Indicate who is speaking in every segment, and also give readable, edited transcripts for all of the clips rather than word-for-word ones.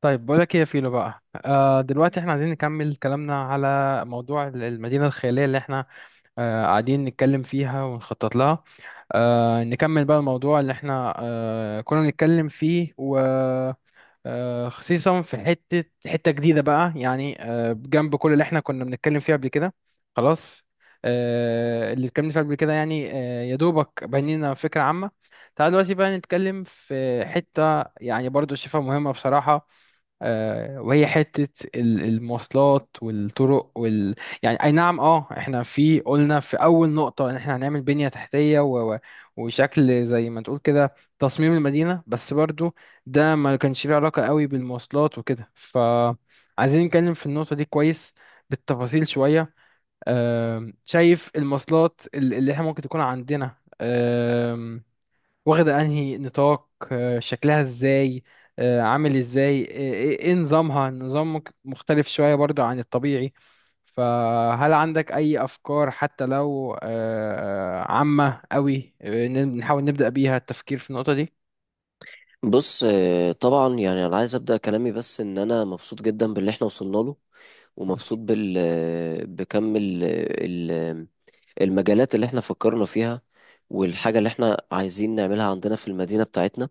Speaker 1: طيب بقولك ايه يا فيلو بقى، دلوقتي احنا عايزين نكمل كلامنا على موضوع المدينة الخيالية اللي احنا قاعدين نتكلم فيها ونخطط لها. نكمل بقى الموضوع اللي احنا كنا نتكلم فيه، و خصيصا في حتة حتة جديدة بقى، يعني جنب كل اللي احنا كنا بنتكلم فيه قبل كده. خلاص. اللي اتكلمنا فيه قبل كده، يعني يا دوبك بنينا فكرة عامة. تعال دلوقتي بقى نتكلم في حتة يعني برضو شايفها مهمة بصراحة، وهي حتة المواصلات والطرق يعني أي نعم، إحنا قلنا في أول نقطة إن إحنا هنعمل بنية تحتية و وشكل زي ما تقول كده، تصميم المدينة، بس برضو ده ما كانش ليه علاقة قوي بالمواصلات وكده، فعايزين نتكلم في النقطة دي كويس بالتفاصيل شوية. شايف المواصلات اللي إحنا ممكن تكون عندنا واخدة انهي نطاق، شكلها ازاي، عامل ازاي، آه، ايه إيه نظامها؟ النظام مختلف شوية برضو عن الطبيعي؟ فهل عندك اي افكار، حتى لو عامة قوي، نحاول نبدأ بيها التفكير في النقطة دي.
Speaker 2: بص، طبعا يعني انا عايز ابدا كلامي بس ان انا مبسوط جدا باللي احنا وصلنا له ومبسوط بكم المجالات اللي احنا فكرنا فيها والحاجه اللي احنا عايزين نعملها عندنا في المدينه بتاعتنا،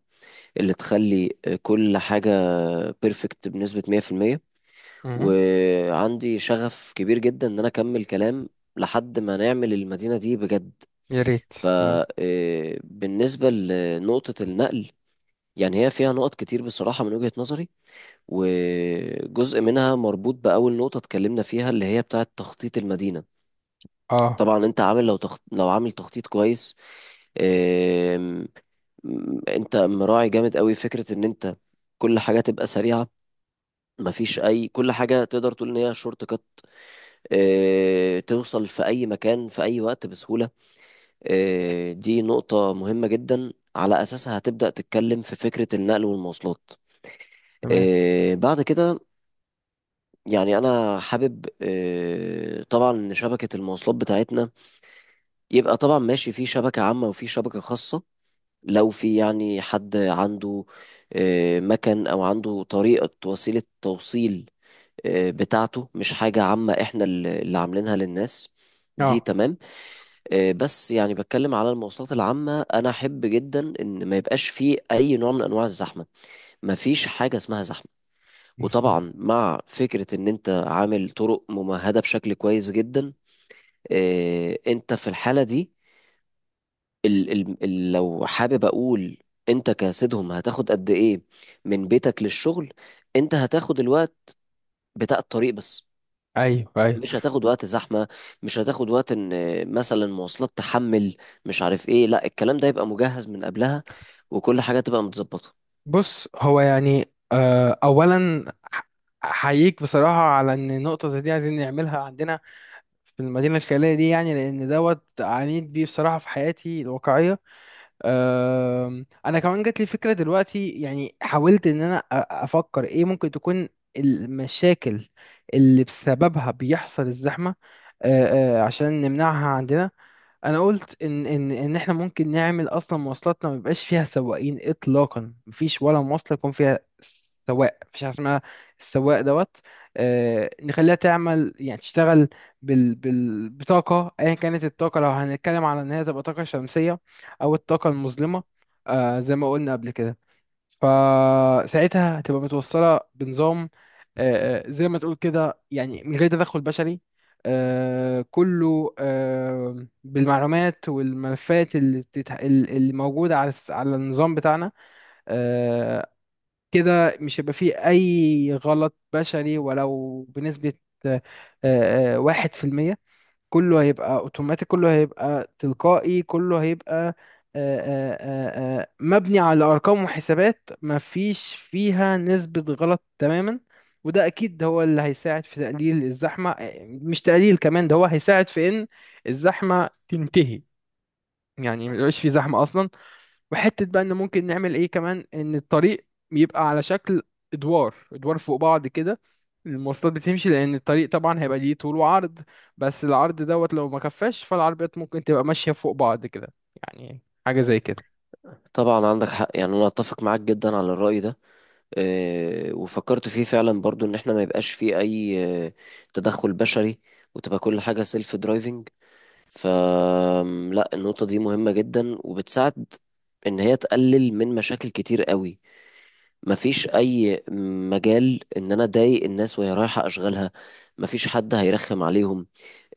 Speaker 2: اللي تخلي كل حاجه بيرفكت بنسبه 100%.
Speaker 1: مهم.
Speaker 2: وعندي شغف كبير جدا ان انا اكمل كلام لحد ما نعمل المدينه دي بجد.
Speaker 1: يا ريت. تمام.
Speaker 2: فبالنسبه لنقطه النقل، يعني هي فيها نقط كتير بصراحة من وجهة نظري، وجزء منها مربوط بأول نقطة اتكلمنا فيها اللي هي بتاعة تخطيط المدينة.
Speaker 1: اه.
Speaker 2: طبعا انت عامل، لو عامل تخطيط كويس، آم، انت مراعي جامد قوي فكرة ان انت كل حاجة تبقى سريعة، مفيش اي، كل حاجة تقدر تقول ان هي شورت كات، توصل في اي مكان في اي وقت بسهولة. دي نقطة مهمة جدا على اساسها هتبدأ تتكلم في فكرة النقل والمواصلات.
Speaker 1: تمام.
Speaker 2: بعد كده، يعني انا حابب، طبعا، ان شبكه المواصلات بتاعتنا يبقى طبعا ماشي في شبكه عامه وفي شبكه خاصه. لو في يعني حد عنده مكان او عنده طريقه وسيله توصيل بتاعته، مش حاجه عامه احنا اللي عاملينها للناس، دي
Speaker 1: اه.
Speaker 2: تمام. بس يعني بتكلم على المواصلات العامه، انا احب جدا ان ما يبقاش في اي نوع من انواع الزحمه، ما فيش حاجه اسمها زحمه.
Speaker 1: مظبوط.
Speaker 2: وطبعا مع فكرة ان انت عامل طرق ممهدة بشكل كويس جدا، إيه انت في الحالة دي، ال ال ال لو حابب اقول، انت كسيدهم هتاخد قد ايه من بيتك للشغل؟ انت هتاخد الوقت بتاع الطريق بس،
Speaker 1: ايوه ايوه.
Speaker 2: مش هتاخد وقت زحمة، مش هتاخد وقت ان مثلا مواصلات تحمل مش عارف ايه، لا، الكلام ده يبقى مجهز من قبلها وكل حاجة تبقى متظبطة.
Speaker 1: بص، هو يعني اولا أح- احييك بصراحة على ان نقطة زي دي عايزين نعملها عندنا في المدينة الخيالية دي، يعني لأن دوت عانيت بيه بصراحة في حياتي الواقعية. أنا كمان جات لي فكرة دلوقتي، يعني حاولت إن أنا أفكر إيه ممكن تكون المشاكل اللي بسببها بيحصل الزحمة، أه، أه، عشان نمنعها عندنا. انا قلت ان احنا ممكن نعمل اصلا مواصلاتنا ما يبقاش فيها سواقين اطلاقا، مفيش ولا مواصله يكون فيها سواق، مفيش حاجه اسمها السواق دوت. نخليها تعمل يعني تشتغل بال بطاقه، ايا كانت الطاقه، لو هنتكلم على ان هي تبقى طاقه شمسيه او الطاقه المظلمه زي ما قلنا قبل كده. فساعتها هتبقى متوصلة بنظام، زي ما تقول كده، يعني من غير تدخل بشري. كله بالمعلومات والملفات اللي موجودة على على النظام بتاعنا. آه، كده مش هيبقى فيه أي غلط بشري ولو بنسبة آه، 1%. كله هيبقى اوتوماتيك، كله هيبقى تلقائي، كله هيبقى مبني على ارقام وحسابات مفيش فيها نسبة غلط تماما. وده اكيد هو اللي هيساعد في تقليل الزحمة، مش تقليل كمان، ده هو هيساعد في ان الزحمة تنتهي، يعني ما يبقاش في زحمة اصلا. وحتة بقى ان ممكن نعمل ايه كمان، ان الطريق يبقى على شكل ادوار ادوار فوق بعض كده، المواصلات بتمشي، لان الطريق طبعا هيبقى ليه طول وعرض، بس العرض دوت لو ما كفاش فالعربيات ممكن تبقى ماشية فوق بعض كده، يعني حاجة زي كده.
Speaker 2: طبعا عندك حق، يعني انا اتفق معاك جدا على الرأي ده. وفكرت فيه فعلا برضو ان احنا ما يبقاش فيه اي تدخل بشري، وتبقى كل حاجة سيلف درايفنج. فلا النقطة دي مهمة جدا وبتساعد ان هي تقلل من مشاكل كتير قوي. مفيش اي مجال ان انا اضايق الناس وهي رايحة اشغالها، مفيش حد هيرخم عليهم.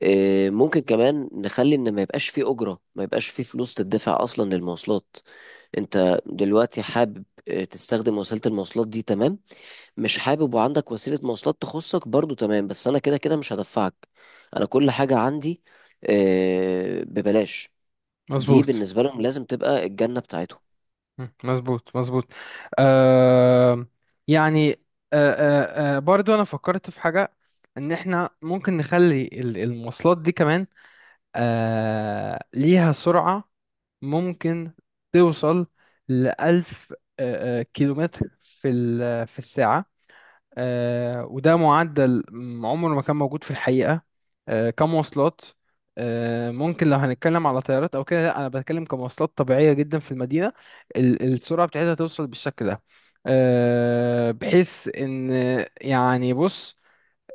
Speaker 2: ممكن كمان نخلي ان ما يبقاش فيه اجرة، ما يبقاش فيه فلوس تدفع اصلا للمواصلات. انت دلوقتي حابب تستخدم وسيلة المواصلات دي، تمام. مش حابب وعندك وسيلة مواصلات تخصك برضو، تمام، بس أنا كده كده مش هدفعك. أنا كل حاجة عندي ببلاش. دي
Speaker 1: مظبوط.
Speaker 2: بالنسبة لهم لازم تبقى الجنة بتاعتهم.
Speaker 1: مم. مظبوط مظبوط. آه. يعني برضو انا فكرت في حاجة، ان احنا ممكن نخلي المواصلات دي كمان ليها سرعة ممكن توصل لـ1000 كيلومتر في في الساعة. وده معدل عمره ما كان موجود في الحقيقة كمواصلات. ممكن لو هنتكلم على طيارات أو كده لأ، أنا بتكلم كمواصلات طبيعية جدا في المدينة، السرعة بتاعتها توصل بالشكل ده، بحيث إن يعني بص،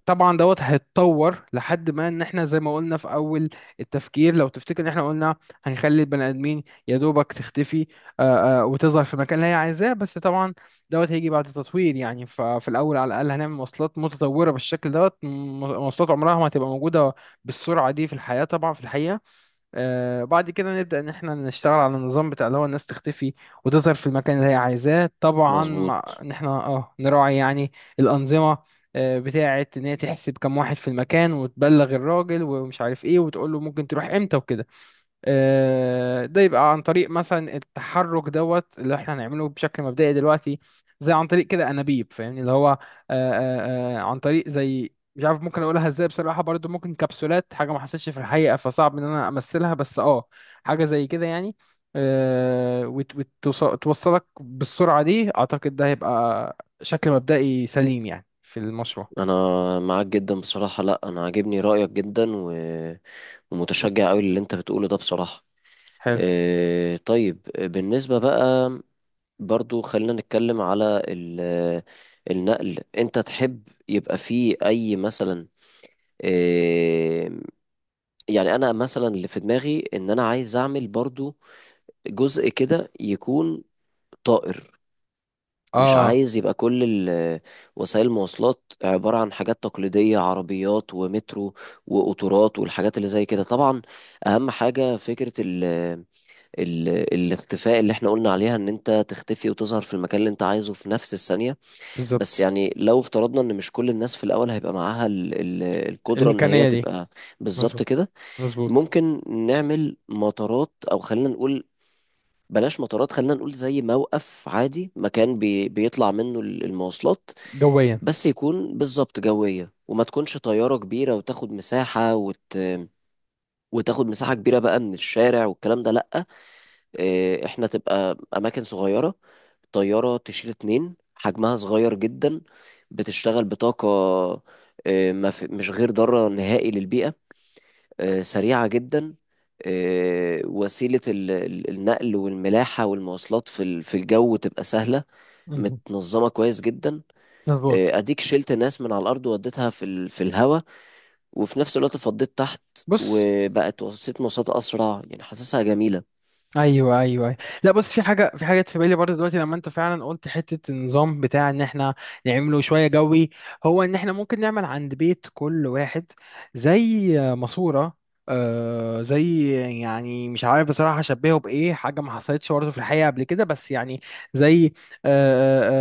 Speaker 1: طبعا دوت هيتطور لحد ما ان احنا زي ما قلنا في اول التفكير، لو تفتكر ان احنا قلنا هنخلي البني ادمين يا دوبك تختفي وتظهر في المكان اللي هي عايزاه، بس طبعا دوت هيجي بعد تطوير. يعني ففي الاول على الاقل هنعمل مواصلات متطوره بالشكل دوت، مواصلات عمرها ما هتبقى موجوده بالسرعه دي في الحياه طبعا في الحقيقه. بعد كده نبدأ إن إحنا نشتغل على النظام بتاع اللي هو الناس تختفي وتظهر في المكان اللي هي عايزاه، طبعا مع
Speaker 2: مظبوط.
Speaker 1: إن إحنا نراعي يعني الأنظمة بتاعة إن هي تحسب كم واحد في المكان وتبلغ الراجل ومش عارف إيه وتقول له ممكن تروح إمتى وكده. ده يبقى عن طريق مثلا التحرك دوت اللي احنا هنعمله بشكل مبدئي دلوقتي، زي عن طريق كده انابيب، فاهمني، اللي هو عن طريق زي، مش عارف ممكن اقولها ازاي بصراحة، برضو ممكن كبسولات، حاجة ما حصلتش في الحقيقة فصعب ان انا امثلها، بس اه حاجة زي كده يعني. توصلك بالسرعة دي. اعتقد ده هيبقى شكل مبدئي سليم يعني في المشروع.
Speaker 2: أنا معاك جدا بصراحة، لأ أنا عاجبني رأيك جدا، و... ومتشجع أوي اللي أنت بتقوله ده بصراحة.
Speaker 1: حلو.
Speaker 2: طيب بالنسبة بقى، برضو خلينا نتكلم على النقل، انت تحب يبقى فيه اي مثلا؟ آه، يعني انا مثلا اللي في دماغي ان انا عايز اعمل برضو جزء كده يكون طائر. مش
Speaker 1: اه.
Speaker 2: عايز يبقى كل ال- وسائل المواصلات عبارة عن حاجات تقليدية، عربيات ومترو وقطارات والحاجات اللي زي كده. طبعا اهم حاجة فكرة ال ال الاختفاء اللي احنا قلنا عليها، ان انت تختفي وتظهر في المكان اللي انت عايزه في نفس الثانية. بس
Speaker 1: بالظبط.
Speaker 2: يعني لو افترضنا ان مش كل الناس في الاول هيبقى معاها القدرة ان هي
Speaker 1: الامكانية دي.
Speaker 2: تبقى بالظبط
Speaker 1: مظبوط
Speaker 2: كده،
Speaker 1: مظبوط.
Speaker 2: ممكن نعمل مطارات، او خلينا نقول بلاش مطارات، خلينا نقول زي موقف عادي، مكان بيطلع منه المواصلات،
Speaker 1: جويا.
Speaker 2: بس يكون بالظبط جوية، وما تكونش طيارة كبيرة وتاخد مساحة وتاخد مساحة كبيرة بقى من الشارع والكلام ده، لأ. إيه، احنا تبقى أماكن صغيرة، طيارة تشيل اتنين حجمها صغير جدا، بتشتغل بطاقة، إيه، ما في- مش غير ضارة نهائي للبيئة، سريعة جدا. وسيلة النقل والملاحة والمواصلات في في الجو تبقى سهلة، متنظمة كويس جدا.
Speaker 1: مظبوط.
Speaker 2: أديك شلت ناس من على الأرض وديتها في في الهوا، وفي نفس الوقت فضيت تحت،
Speaker 1: بص.
Speaker 2: وبقت وسيلة مواصلات أسرع، يعني حاسسها جميلة.
Speaker 1: ايوه ايوه أيوة. لا بص، في حاجه في بالي برضه دلوقتي لما انت فعلا قلت حته النظام بتاع ان احنا نعمله شويه جوي. هو ان احنا ممكن نعمل عند بيت كل واحد زي ماسوره، زي، يعني مش عارف بصراحه اشبهه بايه، حاجه ما حصلتش برضه في الحقيقه قبل كده، بس يعني زي آه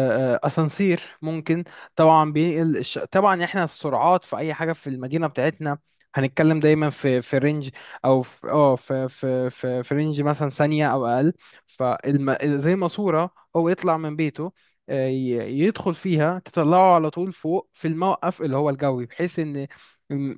Speaker 1: آه آه آه، اسانسير ممكن. طبعا بينقل طبعا احنا السرعات في اي حاجه في المدينه بتاعتنا هنتكلم دايما في رينج، او في في رينج مثلا ثانيه او اقل. فزي ماسوره هو يطلع من بيته يدخل فيها تطلعه على طول فوق في الموقف اللي هو الجوي، بحيث ان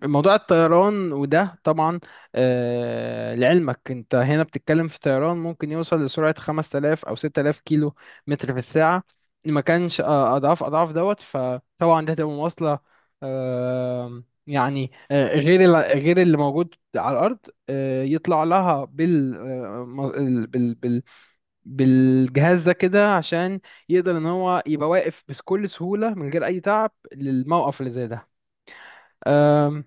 Speaker 1: موضوع الطيران وده طبعا لعلمك انت هنا بتتكلم في طيران ممكن يوصل لسرعة 5000 او 6000 كيلو متر في الساعة، ما كانش اضعاف اضعاف دوت. فطبعا ده هتبقى مواصلة يعني غير اللي موجود على الارض، يطلع لها بال آه، م- ال- بال بال بالجهاز ده كده عشان يقدر ان هو يبقى واقف بكل سهوله من غير اي تعب للموقف اللي زي ده. آم،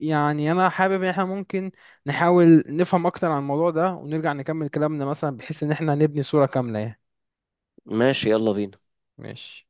Speaker 1: يعني انا حابب ان احنا ممكن نحاول نفهم اكتر عن الموضوع ده ونرجع نكمل كلامنا، مثلا بحيث ان احنا نبني صوره كامله يعني.
Speaker 2: ماشي، يلا بينا.
Speaker 1: ماشي.